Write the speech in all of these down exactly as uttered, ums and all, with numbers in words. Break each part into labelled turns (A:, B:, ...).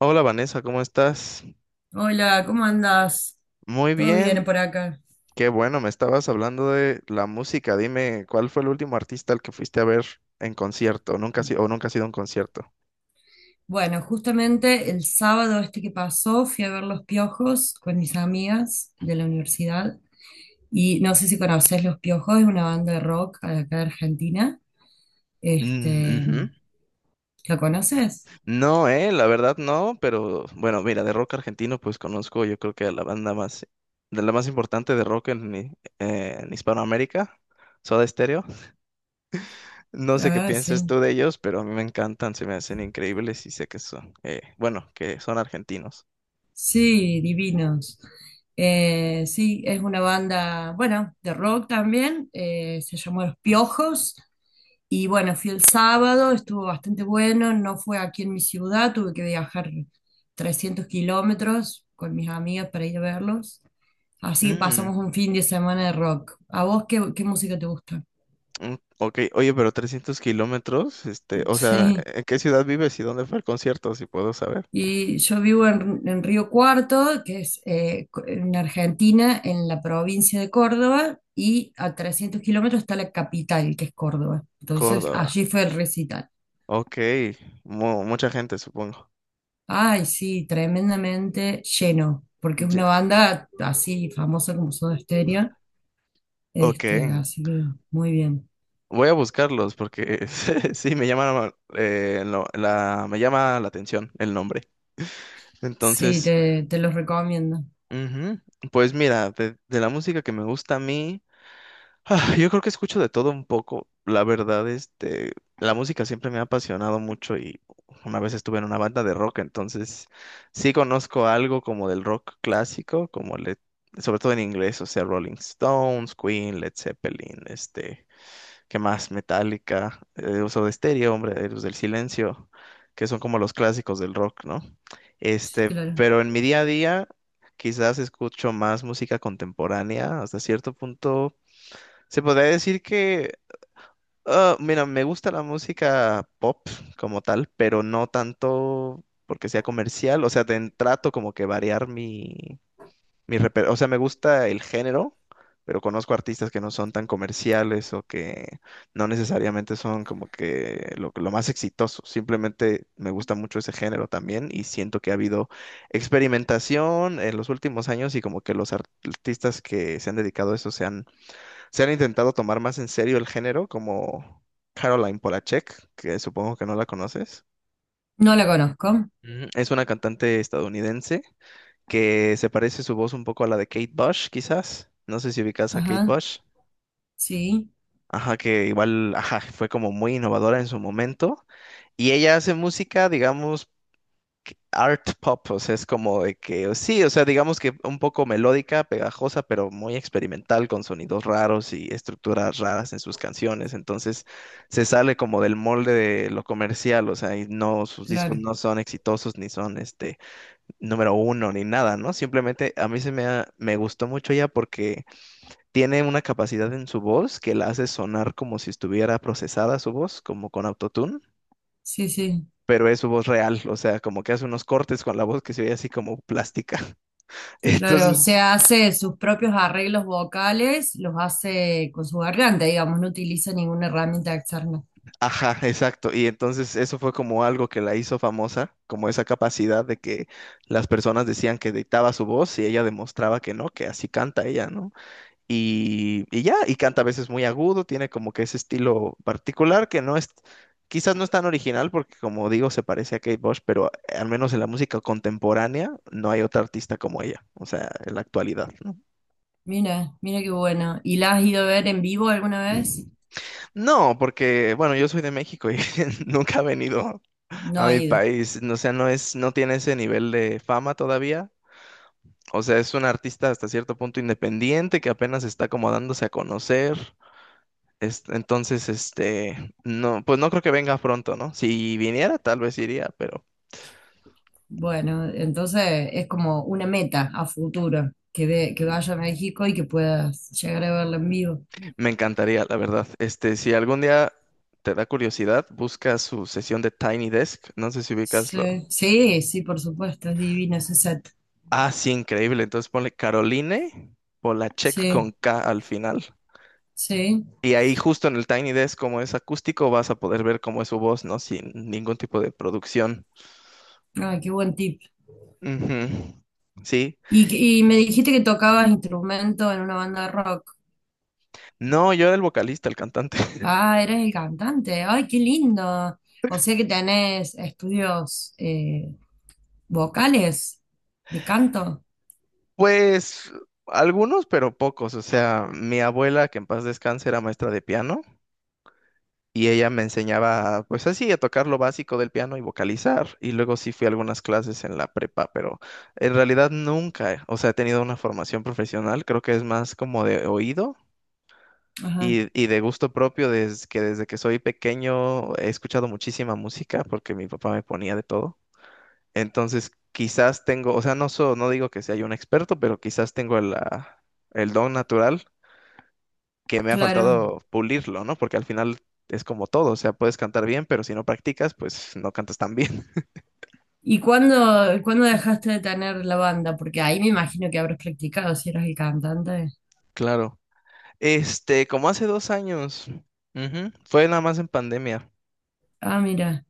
A: Hola Vanessa, ¿cómo estás?
B: Hola, ¿cómo andás?
A: Muy
B: ¿Todo
A: bien,
B: bien por acá?
A: qué bueno, me estabas hablando de la música. Dime, ¿cuál fue el último artista al que fuiste a ver en concierto? Nunca ha sido, o nunca ha sido un concierto.
B: Bueno, justamente el sábado este que pasó fui a ver Los Piojos con mis amigas de la universidad y no sé si conocés Los Piojos, es una banda de rock de acá de Argentina.
A: Mm,
B: Este,
A: ujú.
B: ¿la conoces?
A: No, eh, la verdad no, pero bueno, mira, de rock argentino pues conozco yo creo que a la banda más, de la más importante de rock en, i- eh, en Hispanoamérica, Soda Stereo. No sé qué
B: Ah,
A: pienses tú
B: sí.
A: de ellos, pero a mí me encantan, se me hacen increíbles y sé que son, eh, bueno, que son argentinos.
B: Sí, divinos. Eh, sí, es una banda, bueno, de rock también, eh, se llamó Los Piojos. Y bueno, fui el sábado, estuvo bastante bueno, no fue aquí en mi ciudad, tuve que viajar trescientos kilómetros con mis amigas para ir a verlos. Así que
A: Mm.
B: pasamos un fin de semana de rock. ¿A vos qué, qué música te gusta?
A: Mm, ok, oye, pero trescientos kilómetros, este, o sea,
B: Sí.
A: ¿en qué ciudad vives y dónde fue el concierto, si puedo saber?
B: Y yo vivo en, en Río Cuarto, que es eh, co- en Argentina, en la provincia de Córdoba, y a trescientos kilómetros está la capital, que es Córdoba. Entonces,
A: Córdoba.
B: allí fue el recital.
A: Ok, mu- mucha gente, supongo.
B: Ay, sí, tremendamente lleno, porque es
A: Ya,
B: una banda así famosa como Soda Stereo,
A: ok,
B: este, así que muy bien.
A: voy a buscarlos porque sí, me llama, eh, lo- la, me llama la atención el nombre.
B: Sí,
A: Entonces,
B: te, te los recomiendo.
A: ujú, pues mira, de, de la música que me gusta a mí, ah, yo creo que escucho de todo un poco. La verdad, este, la música siempre me ha apasionado mucho y una vez estuve en una banda de rock, entonces sí conozco algo como del rock clásico, como le, sobre todo en inglés, o sea, Rolling Stones, Queen, Led Zeppelin, este, ¿qué más? Metallica, eh, Uso de Stereo, hombre, Héroes del Silencio, que son como los clásicos del rock, ¿no?
B: Sí,
A: Este,
B: claro.
A: pero en mi día a día quizás escucho más música contemporánea hasta cierto punto se podría decir que, ah, mira, me gusta la música pop como tal, pero no tanto porque sea comercial. O sea, ten- trato como que variar mi, mi reper- o sea, me gusta el género, pero conozco artistas que no son tan comerciales o que no necesariamente son como que lo, lo más exitoso. Simplemente me gusta mucho ese género también y siento que ha habido experimentación en los últimos años y como que los ar- artistas que se han dedicado a eso se han se han intentado tomar más en serio el género, como Caroline Polachek, que supongo que no la conoces.
B: No la conozco.
A: Ujú. Es una cantante estadounidense que se parece su voz un poco a la de Kate Bush, quizás. No sé si ubicas a Kate
B: Ajá,
A: Bush.
B: sí,
A: Ajá, que igual, ajá, fue como muy innovadora en su momento. Y ella hace música, digamos, art pop, o sea, es como de que, sí, o sea, digamos que un poco melódica, pegajosa, pero muy experimental, con sonidos raros y estructuras raras en sus canciones. Entonces, se sale como del molde de lo comercial, o sea, y no, sus discos
B: claro.
A: no son exitosos, ni son este número uno, ni nada, ¿no? Simplemente a mí se me, ha- me gustó mucho ella porque tiene una capacidad en su voz que la hace sonar como si estuviera procesada su voz, como con autotune,
B: Sí, sí,
A: pero es su voz real, o sea, como que hace unos cortes con la voz que se ve así como plástica.
B: claro. Se
A: Entonces,
B: hace sus propios arreglos vocales, los hace con su garganta, digamos, no utiliza ninguna herramienta externa.
A: ajá, exacto. Y entonces eso fue como algo que la hizo famosa, como esa capacidad de que las personas decían que dictaba su voz y ella demostraba que no, que así canta ella, ¿no? Y, y ya, y canta a veces muy agudo, tiene como que ese estilo particular que no es... Quizás no es tan original porque, como digo, se parece a Kate Bush, pero eh, al menos en la música contemporánea no hay otra artista como ella, o sea, en la actualidad, ¿no?
B: Mira, mira qué bueno. ¿Y la has ido a ver en vivo alguna vez?
A: No, porque, bueno, yo soy de México y nunca ha venido
B: No
A: a
B: ha
A: mi
B: ido.
A: país. O sea, no es, no tiene ese nivel de fama todavía. O sea, es un artista hasta cierto punto independiente que apenas está como dándose a conocer. Es- entonces, este, no, pues no creo que venga pronto, ¿no? Si viniera, tal vez iría, pero
B: Bueno, entonces es como una meta a futuro, que, ve, que vaya a México y que puedas llegar a verla en vivo.
A: me encantaría, la verdad. Este, si algún día te da curiosidad, busca su sesión de Tiny Desk. No sé si ubicas.
B: Sí, sí, sí, por supuesto, es divino ese set.
A: Ah, sí, increíble. Entonces ponle Caroline Polachek con
B: Sí,
A: K al final.
B: sí.
A: Y ahí justo en el Tiny Desk, como es acústico, vas a poder ver cómo es su voz, ¿no? Sin ningún tipo de producción.
B: Ay, qué buen tip.
A: Ujú. Sí.
B: Y, que- y me dijiste que tocabas instrumento en una banda de rock.
A: No, yo era el vocalista, el cantante.
B: Ah, eres el cantante. Ay, qué lindo. O sea que tenés estudios eh, vocales de canto.
A: Pues algunos, pero pocos. O sea, mi abuela, que en paz descanse, era maestra de piano. Y ella me enseñaba, pues así, a tocar lo básico del piano y vocalizar. Y luego sí fui a algunas clases en la prepa, pero en realidad nunca, eh, o sea, he tenido una formación profesional. Creo que es más como de oído
B: Ajá,
A: y, y de gusto propio, desde que desde que soy pequeño he escuchado muchísima música porque mi papá me ponía de todo. Entonces, quizás tengo, o sea, no so- no digo que sea yo un experto, pero quizás tengo la- el don natural que me ha
B: claro.
A: faltado pulirlo, ¿no? Porque al final es como todo, o sea, puedes cantar bien, pero si no practicas, pues no cantas tan bien.
B: ¿Y cuándo, cuándo dejaste de tener la banda? Porque ahí me imagino que habrás practicado si eras el cantante.
A: Claro. Este, como hace dos años, ujú, fue nada más en pandemia.
B: Ah, mira.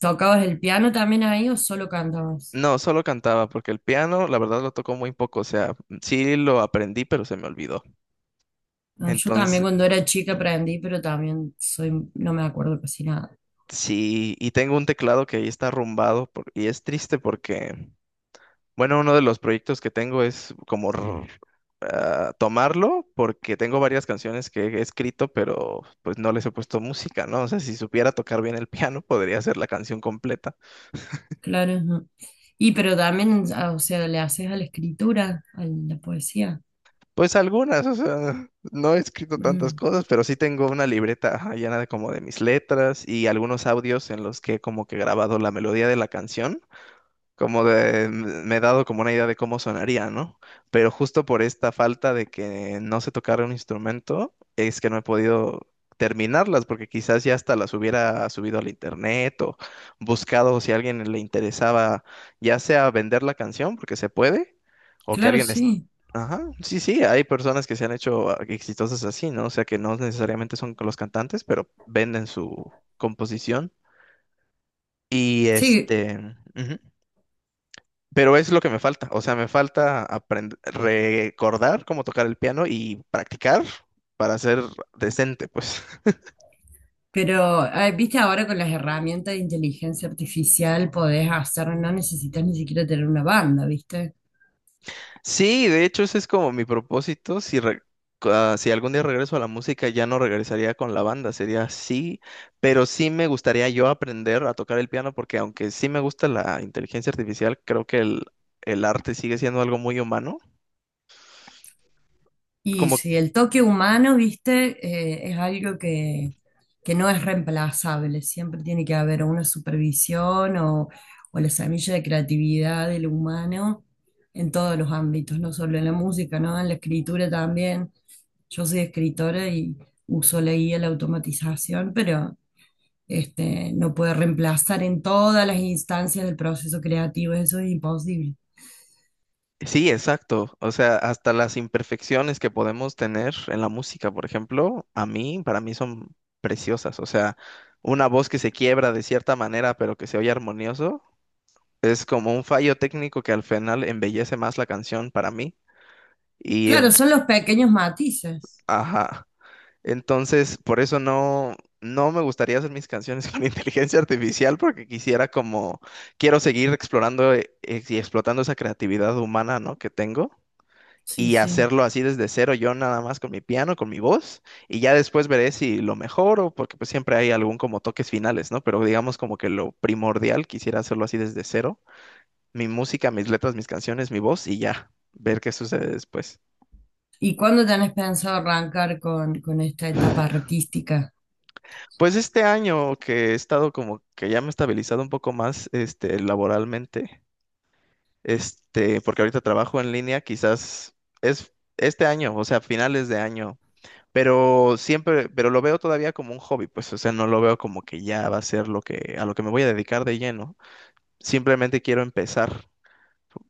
B: ¿Tocabas el piano también ahí o solo cantabas?
A: No, solo cantaba, porque el piano, la verdad, lo tocó muy poco, o sea, sí lo aprendí, pero se me olvidó.
B: Ah, yo también
A: Entonces,
B: cuando era chica aprendí, pero también soy, no me acuerdo casi nada.
A: sí, y tengo un teclado que ahí está arrumbado por- y es triste porque bueno, uno de los proyectos que tengo es como r- ah, tomarlo, porque tengo varias canciones que he escrito, pero pues no les he puesto música, ¿no? O sea, si supiera tocar bien el piano, podría hacer la canción completa.
B: Claro. Ujú. Y pero también, ah, o sea, le haces a la escritura, a la poesía.
A: Pues algunas, o sea, no he escrito tantas
B: Mm,
A: cosas, pero sí tengo una libreta ajá, llena de como de mis letras y algunos audios en los que he como que grabado la melodía de la canción como de, me he dado como una idea de cómo sonaría, ¿no? Pero justo por esta falta de que no se tocara un instrumento, es que no he podido terminarlas, porque quizás ya hasta las hubiera subido al internet o buscado si a alguien le interesaba, ya sea vender la canción, porque se puede, o que
B: claro,
A: alguien... es-
B: sí.
A: Ajá, sí, sí, hay personas que se han hecho ah, exitosas así, ¿no? O sea, que no necesariamente son los cantantes, pero venden su composición. Y
B: Sí,
A: este... ujú. Pero es lo que me falta. O sea, me falta aprender, recordar cómo tocar el piano y practicar para ser decente, pues.
B: pero ah, viste ahora con las herramientas de inteligencia artificial podés hacer, no necesitas ni siquiera tener una banda, ¿viste?
A: Sí, de hecho, ese es como mi propósito. Si, re- ah, si algún día regreso a la música, ya no regresaría con la banda, sería así. Pero sí me gustaría yo aprender a tocar el piano porque aunque sí me gusta la inteligencia artificial, creo que el, el arte sigue siendo algo muy humano.
B: Y
A: Como
B: si el toque humano, viste, eh, es algo que, que no es reemplazable, siempre tiene que haber una supervisión o, o la semilla de creatividad del humano en todos los ámbitos, no solo en la música, ¿no? En la escritura también. Yo soy escritora y uso la guía, la automatización, pero este, no puede reemplazar en todas las instancias del proceso creativo, eso es imposible.
A: sí, exacto. O sea, hasta las imperfecciones que podemos tener en la música, por ejemplo, a mí, para mí son preciosas. O sea, una voz que se quiebra de cierta manera, pero que se oye armonioso, es como un fallo técnico que al final embellece más la canción para mí. Y,
B: Claro,
A: en-
B: son los pequeños matices.
A: ajá. Entonces, por eso no, no me gustaría hacer mis canciones con inteligencia artificial, porque quisiera como, quiero seguir explorando eh, y explotando esa creatividad humana, ¿no?, que tengo.
B: Sí,
A: Y
B: sí.
A: hacerlo así desde cero yo nada más con mi piano, con mi voz, y ya después veré si lo mejoro, porque pues siempre hay algún como toques finales, ¿no? Pero digamos como que lo primordial, quisiera hacerlo así desde cero, mi música, mis letras, mis canciones, mi voz y ya, ver qué sucede después.
B: ¿Y cuándo tenés pensado arrancar con, con esta etapa artística?
A: Pues este año que he estado como que ya me he estabilizado un poco más, este, laboralmente, este, porque ahorita trabajo en línea, quizás es este año, o sea, finales de año. Pero siempre, pero lo veo todavía como un hobby, pues, o sea, no lo veo como que ya va a ser lo que, a lo que me voy a dedicar de lleno. Simplemente quiero empezar.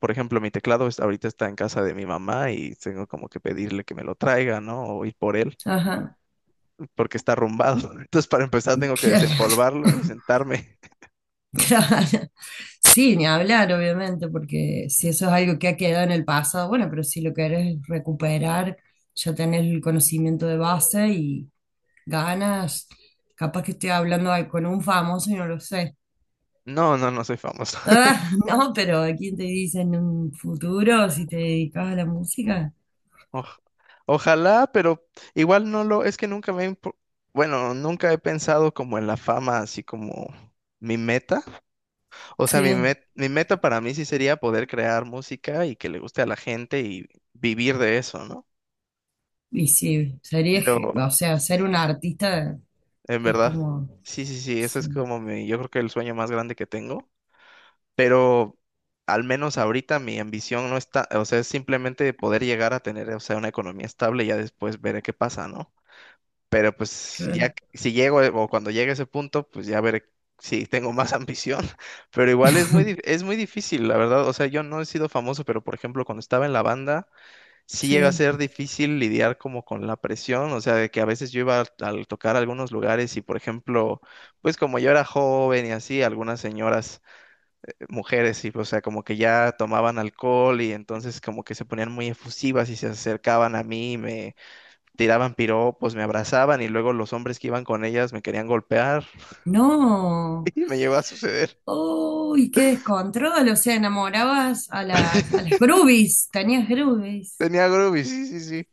A: Por ejemplo, mi teclado es- ahorita está en casa de mi mamá y tengo como que pedirle que me lo traiga, ¿no? O ir por él,
B: Ajá,
A: porque está arrumbado. Entonces, para empezar, tengo que
B: claro.
A: desempolvarlo y sentarme.
B: Claro. Sí, ni hablar, obviamente, porque si eso es algo que ha quedado en el pasado, bueno, pero si lo querés recuperar, ya tenés el conocimiento de base y ganas. Capaz que estoy hablando ahí con un famoso y no lo sé.
A: No, no, no soy famoso.
B: Ah, no, pero ¿quién te dice en un futuro si te dedicas a la música?
A: Oj- Ojalá, pero igual no lo, es que nunca me, ha impo- bueno, nunca he pensado como en la fama, así como mi meta. O sea, mi,
B: Sí.
A: met- mi meta para mí sí sería poder crear música y que le guste a la gente y vivir de eso, ¿no?
B: Y sí, sería, ge-
A: Pero,
B: o sea, ser un
A: sí,
B: artista
A: en
B: es
A: verdad,
B: como...
A: sí, sí, sí, eso
B: Sí.
A: es como mi, yo creo que el sueño más grande que tengo, pero al menos ahorita mi ambición no está, o sea, es simplemente poder llegar a tener, o sea, una economía estable y ya después veré qué pasa, ¿no? Pero pues ya
B: re-
A: que- si llego eh, o cuando llegue a ese punto, pues ya veré si tengo más ambición. Pero igual es muy, dif- es muy difícil, la verdad. O sea, yo no he sido famoso, pero por ejemplo, cuando estaba en la banda, sí llega a
B: sí.
A: ser difícil lidiar como con la presión. O sea, de que a veces yo iba al, al tocar algunos lugares y por ejemplo, pues como yo era joven y así, algunas señoras, eh, mujeres, y o sea, como que ya tomaban alcohol y entonces como que se ponían muy efusivas y se acercaban a mí, tiraban piropos, me abrazaban y luego los hombres que iban con ellas me querían golpear
B: No.
A: y me llegó a suceder.
B: Uy, qué descontrol. O sea, enamorabas a las, a las groupies. Tenías groupies.
A: Tenía Groovy, sí, sí, sí.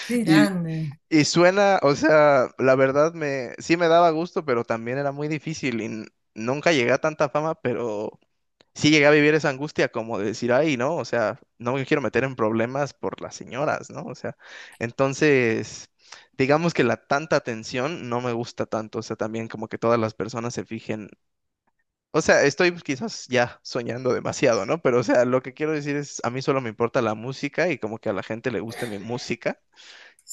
B: Qué
A: Y,
B: grande.
A: y suena, o sea, la verdad me, sí me daba gusto, pero también era muy difícil y n- nunca llegué a tanta fama, pero sí llegué a vivir esa angustia como de decir, ay, no, o sea, no me quiero meter en problemas por las señoras, ¿no? O sea, entonces, digamos que la tanta atención no me gusta tanto, o sea, también como que todas las personas se fijen. O sea, estoy quizás ya soñando demasiado, ¿no? Pero, o sea, lo que quiero decir es, a mí solo me importa la música y como que a la gente le guste mi música,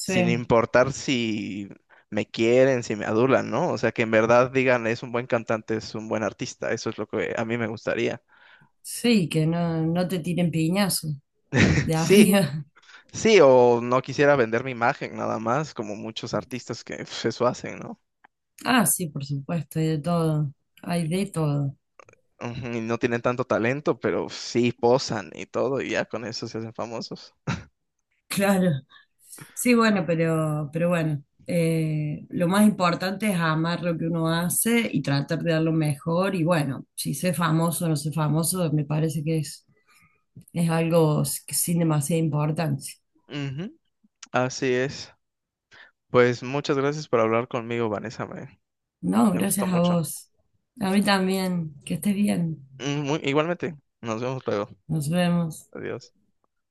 A: sin importar si me quieren, si me adulan, ¿no? O sea, que en verdad digan, es un buen cantante, es un buen artista, eso es lo que a mí me gustaría.
B: Sí, que no, no te tiren piñazo de
A: Sí,
B: arriba.
A: sí, o no quisiera vender mi imagen nada más, como muchos artistas que pues, eso hacen, ¿no?
B: Ah, sí, por supuesto, hay de todo. Hay de todo.
A: Ujú, y no tienen tanto talento, pero sí posan y todo, y ya con eso se hacen famosos.
B: Claro. Sí, bueno, pero, pero bueno, eh, lo más importante es amar lo que uno hace y tratar de dar lo mejor. Y bueno, si sé famoso o no sé famoso, me parece que es, es algo s- que sin demasiada importancia.
A: Ujú, así es. Pues muchas gracias por hablar conmigo, Vanessa. Me,
B: No,
A: me
B: gracias
A: gustó
B: a
A: mucho.
B: vos. A mí también. Que estés bien.
A: Mm, muy- igualmente, nos vemos luego.
B: Nos vemos.
A: Adiós.